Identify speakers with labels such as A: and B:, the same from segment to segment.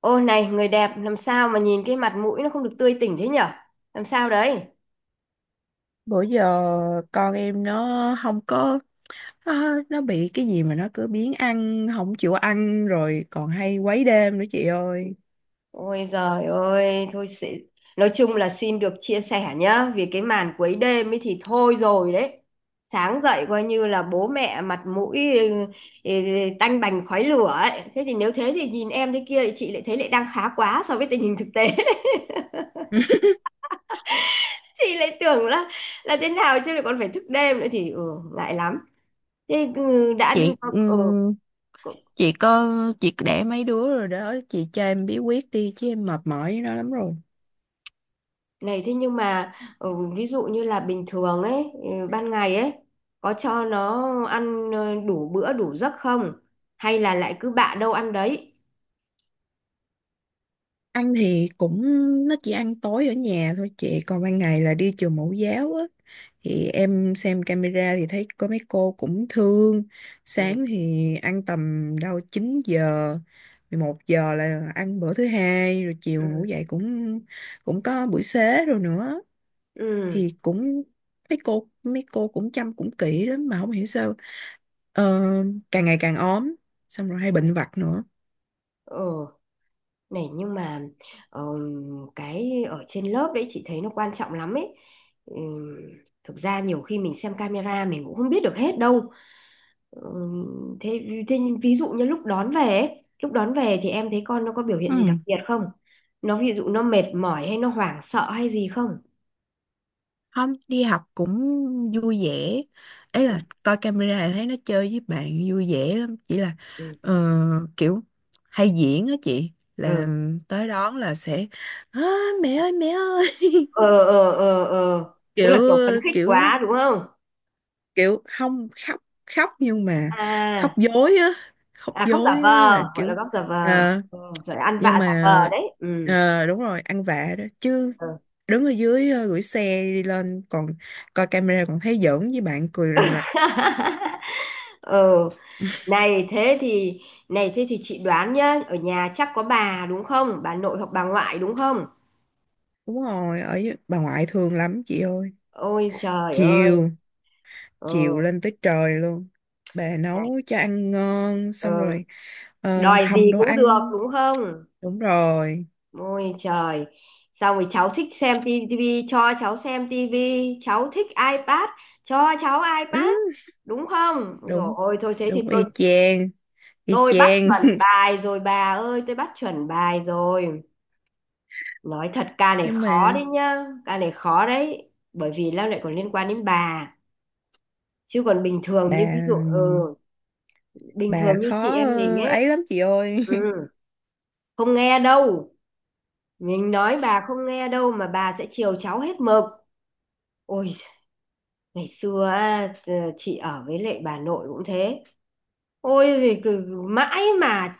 A: Ô này người đẹp, làm sao mà nhìn cái mặt mũi nó không được tươi tỉnh thế nhở? Làm sao đấy?
B: Bữa giờ con em nó không có, nó bị cái gì mà nó cứ biếng ăn không chịu ăn, rồi còn hay quấy đêm nữa chị ơi.
A: Ôi giời ơi, thôi sẽ... nói chung là xin được chia sẻ nhá, vì cái màn quấy đêm ấy thì thôi rồi đấy. Sáng dậy coi như là bố mẹ mặt mũi ừ, tanh bành khói lửa ấy. Thế thì nếu thế thì nhìn em thế kia thì chị lại thấy lại đang khá quá so với tình hình thực tế. Chị lại tưởng là thế nào, chứ lại còn phải thức đêm nữa thì ngại lắm. Thế đã đi
B: Chị
A: ừ.
B: chị có, chị để mấy đứa rồi đó, chị cho em bí quyết đi chứ em mệt mỏi với nó lắm rồi.
A: Này thế nhưng mà, ừ, ví dụ như là bình thường ấy, ban ngày ấy, có cho nó ăn đủ bữa đủ giấc không? Hay là lại cứ bạ đâu ăn đấy?
B: Ăn thì cũng, nó chỉ ăn tối ở nhà thôi chị, còn ban ngày là đi trường mẫu giáo á, thì em xem camera thì thấy có mấy cô cũng thương.
A: Ừ.
B: Sáng thì ăn tầm đâu 9 giờ, 11 giờ là ăn bữa thứ hai rồi, chiều ngủ
A: Ừ.
B: dậy cũng cũng có buổi xế rồi nữa,
A: Ừ.
B: thì cũng mấy cô cũng chăm cũng kỹ lắm mà không hiểu sao ờ, càng ngày càng ốm, xong rồi hay bệnh vặt nữa.
A: Ừ. Này nhưng mà, ờ, cái ở trên lớp đấy chị thấy nó quan trọng lắm ấy. Ừ, thực ra nhiều khi mình xem camera mình cũng không biết được hết đâu. Thế nhưng ví dụ như lúc đón về ấy, lúc đón về thì em thấy con nó có biểu hiện gì đặc
B: Ừ.
A: biệt không? Nó ví dụ nó mệt mỏi hay nó hoảng sợ hay gì không?
B: Không đi học cũng vui vẻ, ấy
A: Ừ,
B: là coi camera là thấy nó chơi với bạn vui vẻ lắm, chỉ là
A: ừ,
B: ờ, kiểu hay diễn á chị, là
A: ừ.
B: tới đón là sẽ "Á, mẹ ơi, mẹ ơi."
A: Ờ, ờ, ờ, ờ. Tức là
B: kiểu
A: kiểu phấn khích
B: kiểu
A: quá đúng không?
B: kiểu không khóc, khóc nhưng mà
A: À,
B: khóc dối á, khóc
A: à khóc
B: dối
A: giả vờ,
B: á là
A: gọi là
B: kiểu
A: khóc giả vờ.
B: ờ,
A: Ừ, rồi ăn
B: nhưng
A: vạ giả
B: mà
A: vờ đấy. Ừ.
B: đúng rồi, ăn vạ đó chứ.
A: Ừ.
B: Đứng ở dưới gửi xe đi lên còn coi camera còn thấy giỡn với bạn cười rằng rặc.
A: Ừ, này thế thì này thế thì chị đoán nhá, ở nhà chắc có bà đúng không, bà nội hoặc bà ngoại đúng không?
B: Đúng rồi, ở dưới- bà ngoại thương lắm chị ơi.
A: Ôi trời ơi.
B: Chiều,
A: Ờ.
B: chiều lên tới trời luôn. Bà
A: Này.
B: nấu cho ăn ngon,
A: Ờ.
B: xong rồi
A: Đòi
B: hầm
A: gì
B: đồ
A: cũng được
B: ăn.
A: đúng không?
B: Đúng rồi.
A: Ôi trời. Xong rồi cháu thích xem tivi cho cháu xem tivi, cháu thích iPad cho cháu iPad,
B: Ừ,
A: đúng không? Rồi
B: đúng,
A: ôi thôi thế thì
B: đúng
A: tôi
B: y chang, y
A: tôi bắt
B: chang.
A: chuẩn bài rồi bà ơi, tôi bắt chuẩn bài rồi. Nói thật ca này
B: Nhưng
A: khó đấy
B: mà
A: nhá, ca này khó đấy, bởi vì nó lại còn liên quan đến bà. Chứ còn bình thường
B: bà
A: như ví dụ bình
B: bà
A: thường như chị
B: khó
A: em mình ấy.
B: ấy lắm chị ơi.
A: ừ, Không nghe đâu. Mình nói bà không nghe đâu, mà bà sẽ chiều cháu hết mực. Ôi, ngày xưa á, t- chị ở với lại bà nội cũng thế. Ôi, thì cứ- mãi mà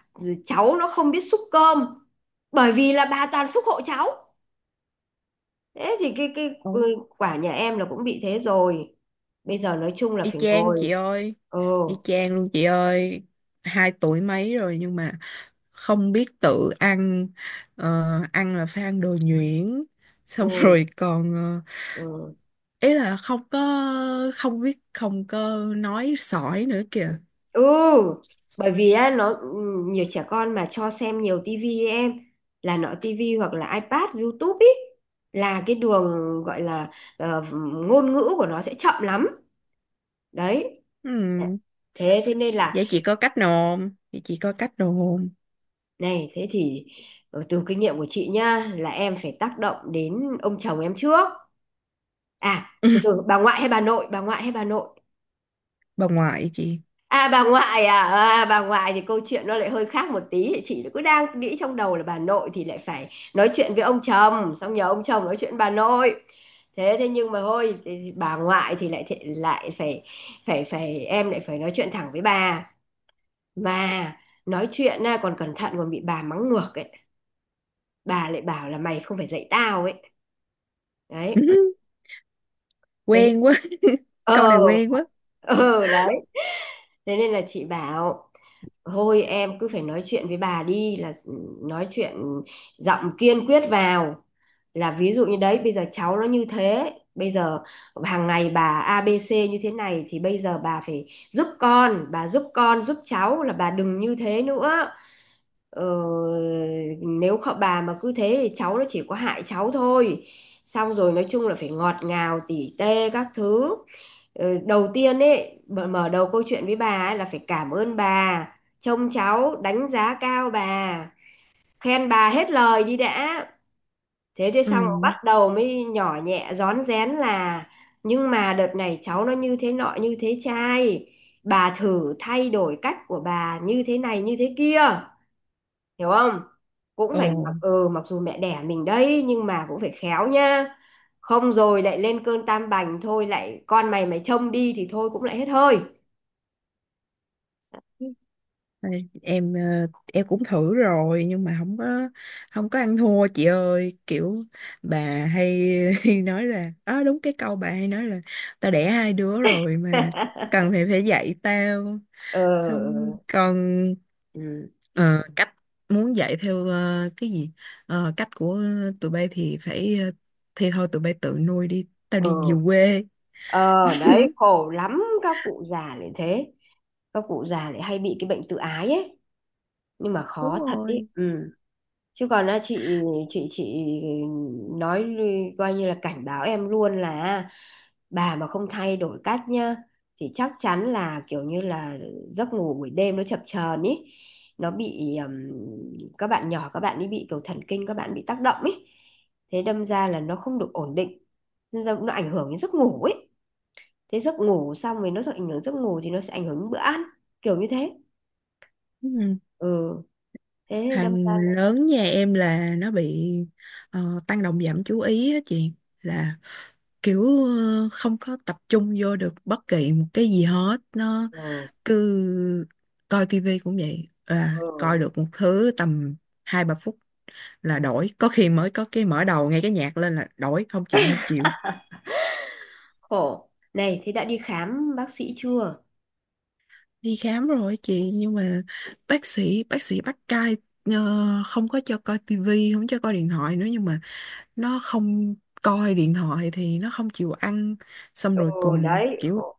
A: cháu nó không biết xúc cơm. Bởi vì là bà toàn xúc hộ cháu. Thế thì cái
B: Ừ.
A: quả nhà em là cũng bị thế rồi. Bây giờ nói chung là
B: Y
A: phải
B: chang
A: ngồi.
B: chị ơi,
A: Ừ,
B: y chang luôn chị ơi. Hai tuổi mấy rồi nhưng mà không biết tự ăn. Ờ, ăn là phải ăn đồ nhuyễn. Xong
A: ngồi.
B: rồi còn
A: Ừ.
B: ý là không có, không biết không có nói sỏi nữa kìa.
A: Ừ, bởi vì á nó nhiều trẻ con mà cho xem nhiều tivi ấy em, là nọ tivi hoặc là iPad, YouTube ý là cái đường gọi là ờ, ngôn ngữ của nó sẽ chậm lắm. Đấy.
B: Ừ,
A: Thế thế nên là,
B: vậy chị có cách nào không? Vậy chị có cách nào không?
A: này thế thì, từ kinh nghiệm của chị nhá, là em phải tác động đến ông chồng em trước. À, từ từ, bà ngoại hay bà nội, bà ngoại hay bà nội?
B: Bà ngoại chị.
A: À bà ngoại à, ờ, à bà ngoại thì câu chuyện nó lại hơi khác một tí. Chị cứ đang nghĩ trong đầu là bà nội thì lại phải nói chuyện với ông chồng, xong nhờ ông chồng nói chuyện với bà nội. Thế thế nhưng mà thôi, thì bà ngoại thì lại phải phải phải em lại phải nói chuyện thẳng với bà. Mà nói chuyện à, còn cẩn thận còn bị bà mắng ngược ấy, bà lại bảo là mày không phải dạy tao ấy. Đấy. Thế.
B: Quen quá, câu
A: Ờ.
B: này quen quá.
A: Ờ. Đấy, thế nên là chị bảo thôi em cứ phải nói chuyện với bà đi, là nói chuyện giọng kiên quyết vào, là ví dụ như đấy bây giờ cháu nó như thế, bây giờ hàng ngày bà a ABC như thế này thì bây giờ bà phải giúp con, bà giúp con giúp cháu, là bà đừng như thế nữa. Ờ, nếu họ bà mà cứ thế thì cháu nó chỉ có hại cháu thôi. Xong rồi nói chung là phải ngọt ngào tỉ tê các thứ. Ờ, đầu tiên ấy, mở mở đầu câu chuyện với bà ấy là phải cảm ơn bà trông cháu, đánh giá cao bà, khen bà hết lời đi đã. Thế thế xong rồi
B: Ừ.
A: bắt đầu mới nhỏ nhẹ rón rén, là nhưng mà đợt này cháu nó như thế nọ như thế trai, bà thử thay đổi cách của bà như thế này như thế kia, hiểu không? Cũng phải
B: Ồ.
A: mặc ừ mặc dù mẹ đẻ mình đấy, nhưng mà cũng phải khéo nha. Không rồi lại lên cơn tam bành, thôi lại con mày mày trông đi thì thôi, cũng lại hết hơi.
B: Đây, em cũng thử rồi nhưng mà không có ăn thua chị ơi, kiểu bà hay nói là, đó đúng cái câu bà hay nói là tao đẻ hai đứa rồi mà cần phải phải dạy tao.
A: Ờ.
B: Xong còn
A: ừ,
B: ờ, cách muốn dạy theo cái gì. Ờ, cách của tụi bay thì phải thì thôi tụi bay tự nuôi đi tao đi về
A: ừ.
B: quê.
A: Ờ đấy, khổ lắm, các cụ già lại thế, các cụ già lại hay bị cái bệnh tự ái ấy. Nhưng mà khó
B: Đúng
A: thật ấy
B: rồi.
A: ừ. Chứ còn á, chị nói lư- coi như là cảnh báo em luôn là bà mà không thay đổi cách nhá thì chắc chắn là kiểu như là giấc ngủ buổi đêm nó chập chờn ý. Nó bị các bạn nhỏ, các bạn ấy bị kiểu thần kinh, các bạn bị tác động ý. Thế đâm ra là nó không được ổn định, nên ra nó ảnh hưởng đến giấc ngủ ấy. Thế giấc ngủ xong rồi nó sẽ ảnh hưởng giấc ngủ, thì nó sẽ ảnh hưởng đến bữa ăn, kiểu như thế.
B: Ừ.
A: Ừ, thế đâm ra
B: Thằng
A: là
B: lớn nhà em là nó bị tăng động giảm chú ý á chị, là kiểu không có tập trung vô được bất kỳ một cái gì hết, nó
A: ừ,
B: cứ coi tivi cũng vậy, là coi
A: ừ
B: được một thứ tầm hai ba phút là đổi, có khi mới có cái mở đầu nghe cái nhạc lên là đổi không chịu, không chịu.
A: khổ. Này thế đã đi khám bác sĩ chưa?
B: Đi khám rồi chị nhưng mà bác sĩ bắt cai, ờ, không có cho coi tivi, không cho coi điện thoại nữa, nhưng mà nó không, coi điện thoại thì nó không chịu ăn, xong rồi
A: Ừ
B: còn
A: đấy
B: kiểu
A: khổ.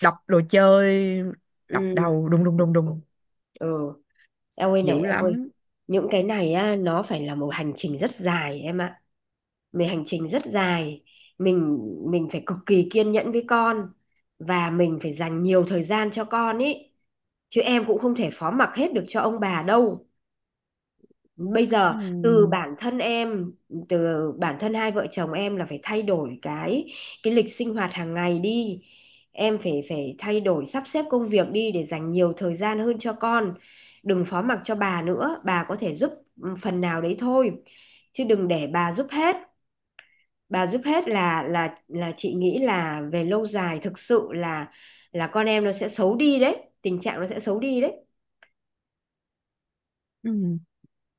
B: đập đồ chơi, đập
A: Ừ.
B: đầu đùng đùng đùng đùng
A: Ừ. Em ơi, này
B: dữ
A: em ơi,
B: lắm.
A: những cái này á nó phải là một hành trình rất dài em ạ. Mình hành trình rất dài. Mình mình phải cực kỳ kiên nhẫn với con, và mình phải dành nhiều thời gian cho con ý. Chứ em cũng không thể phó mặc hết được cho ông bà đâu. Bây giờ
B: Ừ.
A: từ bản thân em, từ bản thân hai vợ chồng em là phải thay đổi cái lịch sinh hoạt hàng ngày đi. Em phải phải thay đổi sắp xếp công việc đi để dành nhiều thời gian hơn cho con. Đừng phó mặc cho bà nữa, bà có thể giúp phần nào đấy thôi, chứ đừng để bà giúp hết. Bà giúp hết là chị nghĩ là về lâu dài thực sự là con em nó sẽ xấu đi đấy, tình trạng nó sẽ xấu đi đấy.
B: Ừ.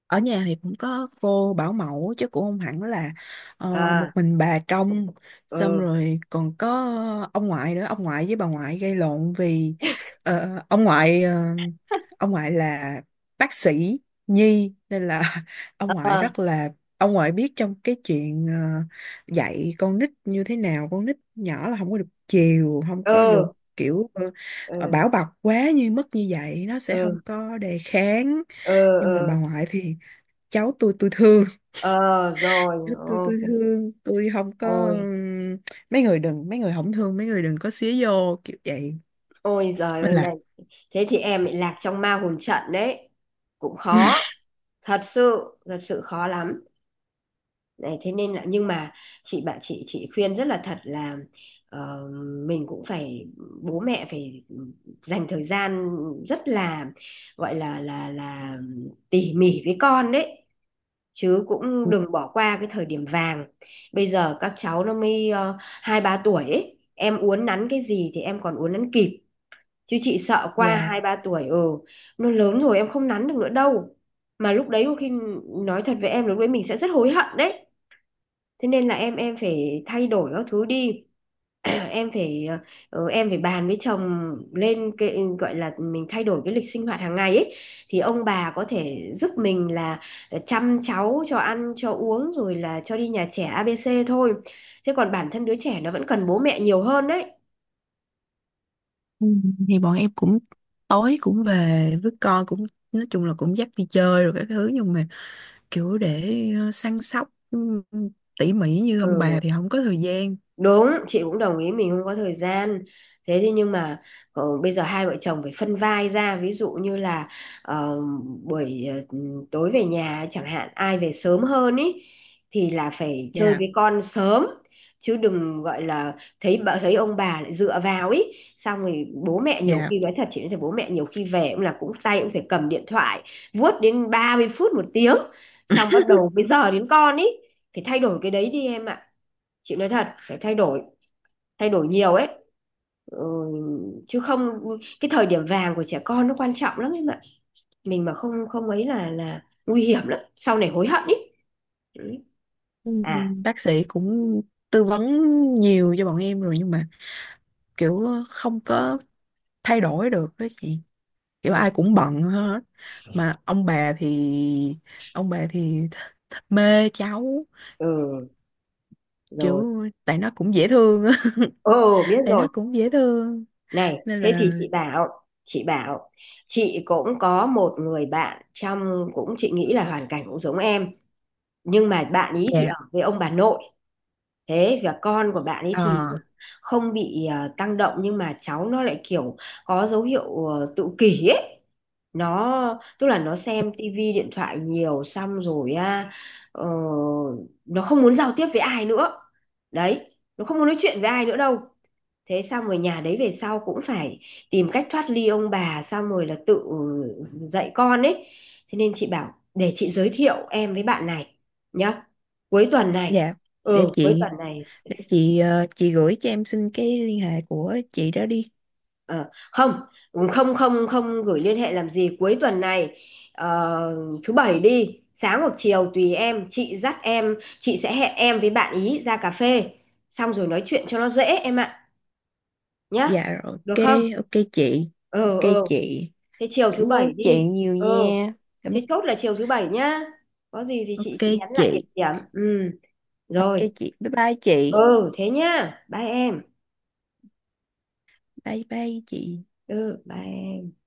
B: Ở nhà thì cũng có cô bảo mẫu chứ cũng không hẳn là một
A: À.
B: mình bà trông, xong
A: Ừ.
B: rồi còn có ông ngoại nữa, ông ngoại với bà ngoại gây lộn vì ờ, ông ngoại ờ, ông ngoại là bác sĩ nhi nên là, ông ngoại
A: Ờ,
B: rất là, ông ngoại biết trong cái chuyện dạy con nít như thế nào, con nít nhỏ là không có được chiều, không có được
A: ừ.
B: kiểu
A: Ừ.
B: bảo bọc quá như mức như vậy, nó sẽ không
A: Ừ.
B: có đề kháng.
A: Ờ.
B: Nhưng mà
A: Ờ.
B: bà ngoại thì cháu tôi thương,
A: Ờ rồi
B: cháu tôi
A: ok.
B: thương tôi không có,
A: Ôi.
B: mấy người đừng, mấy người không thương mấy người đừng có xía vô kiểu vậy
A: Ôi giời
B: mới
A: ơi này,
B: là.
A: thế thì em bị lạc trong ma hồn trận đấy, cũng khó, thật sự khó lắm. Này thế nên là, nhưng mà chị bạn chị khuyên rất là thật là ờ, mình cũng phải, bố mẹ phải dành thời gian rất là, gọi là là tỉ mỉ với con đấy. Chứ cũng đừng bỏ qua cái thời điểm vàng. Bây giờ các cháu nó mới hai ba tuổi ấy, em uốn nắn cái gì thì em còn uốn nắn kịp. Chứ chị sợ qua
B: Dạ.
A: hai ba tuổi ừ, nó lớn rồi em không nắn được nữa đâu. Mà lúc đấy có khi, nói thật với em lúc đấy mình sẽ rất hối hận đấy. Thế nên là em phải thay đổi các thứ đi. Em phải em phải bàn với chồng lên cái gọi là mình thay đổi cái lịch sinh hoạt hàng ngày ấy. Thì ông bà có thể giúp mình là chăm cháu cho ăn cho uống rồi là cho đi nhà trẻ ABC thôi. Thế còn bản thân đứa trẻ nó vẫn cần bố mẹ nhiều hơn đấy.
B: Ừ, thì bọn em cũng tối cũng về với con cũng nói chung là cũng dắt đi chơi rồi các thứ, nhưng mà kiểu để săn sóc tỉ mỉ như ông
A: Ừ.
B: bà thì không có thời gian.
A: Đúng, chị cũng đồng ý mình không có thời gian. Thế thì nhưng mà, bây giờ hai vợ chồng phải phân vai ra, ví dụ như là ờ, buổi tối về nhà chẳng hạn, ai về sớm hơn ý thì là phải chơi
B: Dạ.
A: với con sớm. Chứ đừng gọi là thấy bà, thấy ông bà lại dựa vào ý. Xong rồi bố mẹ nhiều
B: Dạ.
A: khi, nói thật chị nói thật, bố mẹ nhiều khi về cũng là cũng tay cũng phải cầm điện thoại vuốt đến 30 phút một tiếng, xong bắt đầu bây giờ đến con ý. Phải thay đổi cái đấy đi em ạ, chị nói thật phải thay đổi, thay đổi nhiều ấy. ừ, Chứ không cái thời điểm vàng của trẻ con nó quan trọng lắm em ạ, mình mà không không ấy là nguy hiểm lắm, sau này hối hận ý. Ừ.
B: Ừ,
A: À.
B: bác sĩ cũng tư vấn nhiều cho bọn em rồi nhưng mà kiểu không có thay đổi được đó chị, kiểu
A: ừ,
B: ai cũng bận hết, mà ông bà thì th th mê cháu,
A: ừ rồi.
B: kiểu tại nó cũng dễ thương á.
A: Ừ biết
B: Tại nó
A: rồi.
B: cũng dễ thương
A: Này
B: nên
A: thế
B: là.
A: thì chị bảo, chị bảo chị cũng có một người bạn, trong cũng chị nghĩ là hoàn cảnh cũng giống em, nhưng mà bạn ý thì
B: Dạ.
A: ở với ông bà nội. Thế và con của bạn ấy thì
B: ờ
A: không bị tăng động, nhưng mà cháu nó lại kiểu có dấu hiệu tự kỷ ấy. Nó tức là nó xem tivi điện thoại nhiều xong rồi á, ờ, nó không muốn giao tiếp với ai nữa đấy, nó không muốn nói chuyện với ai nữa đâu. Thế xong rồi nhà đấy về sau cũng phải tìm cách thoát ly ông bà xong rồi là tự dạy con ấy. Thế nên chị bảo để chị giới thiệu em với bạn này nhá, cuối tuần này.
B: dạ, để
A: Ừ cuối
B: chị
A: tuần này.
B: để chị chị gửi cho em xin cái liên hệ của chị đó đi.
A: Ờ, không không gửi liên hệ làm gì, cuối tuần này ờ, thứ bảy đi, sáng hoặc chiều tùy em, chị dắt em, chị sẽ hẹn em với bạn ý ra cà phê xong rồi nói chuyện cho nó dễ em ạ, nhá,
B: Dạ rồi,
A: được
B: ok.
A: không?
B: Ok chị.
A: Ờ
B: Ok
A: ờ.
B: chị.
A: Thế chiều thứ
B: Cảm ơn
A: bảy
B: chị
A: đi.
B: nhiều
A: Ờ,
B: nha. cảm
A: thế chốt là chiều thứ bảy nhá, có gì thì
B: ok
A: chị nhắn lại địa
B: chị.
A: điểm ừ.
B: Ok
A: Rồi.
B: chị. Bye bye chị.
A: Ừ thế nhá, bye em.
B: Bye bye chị.
A: Ừ bye em.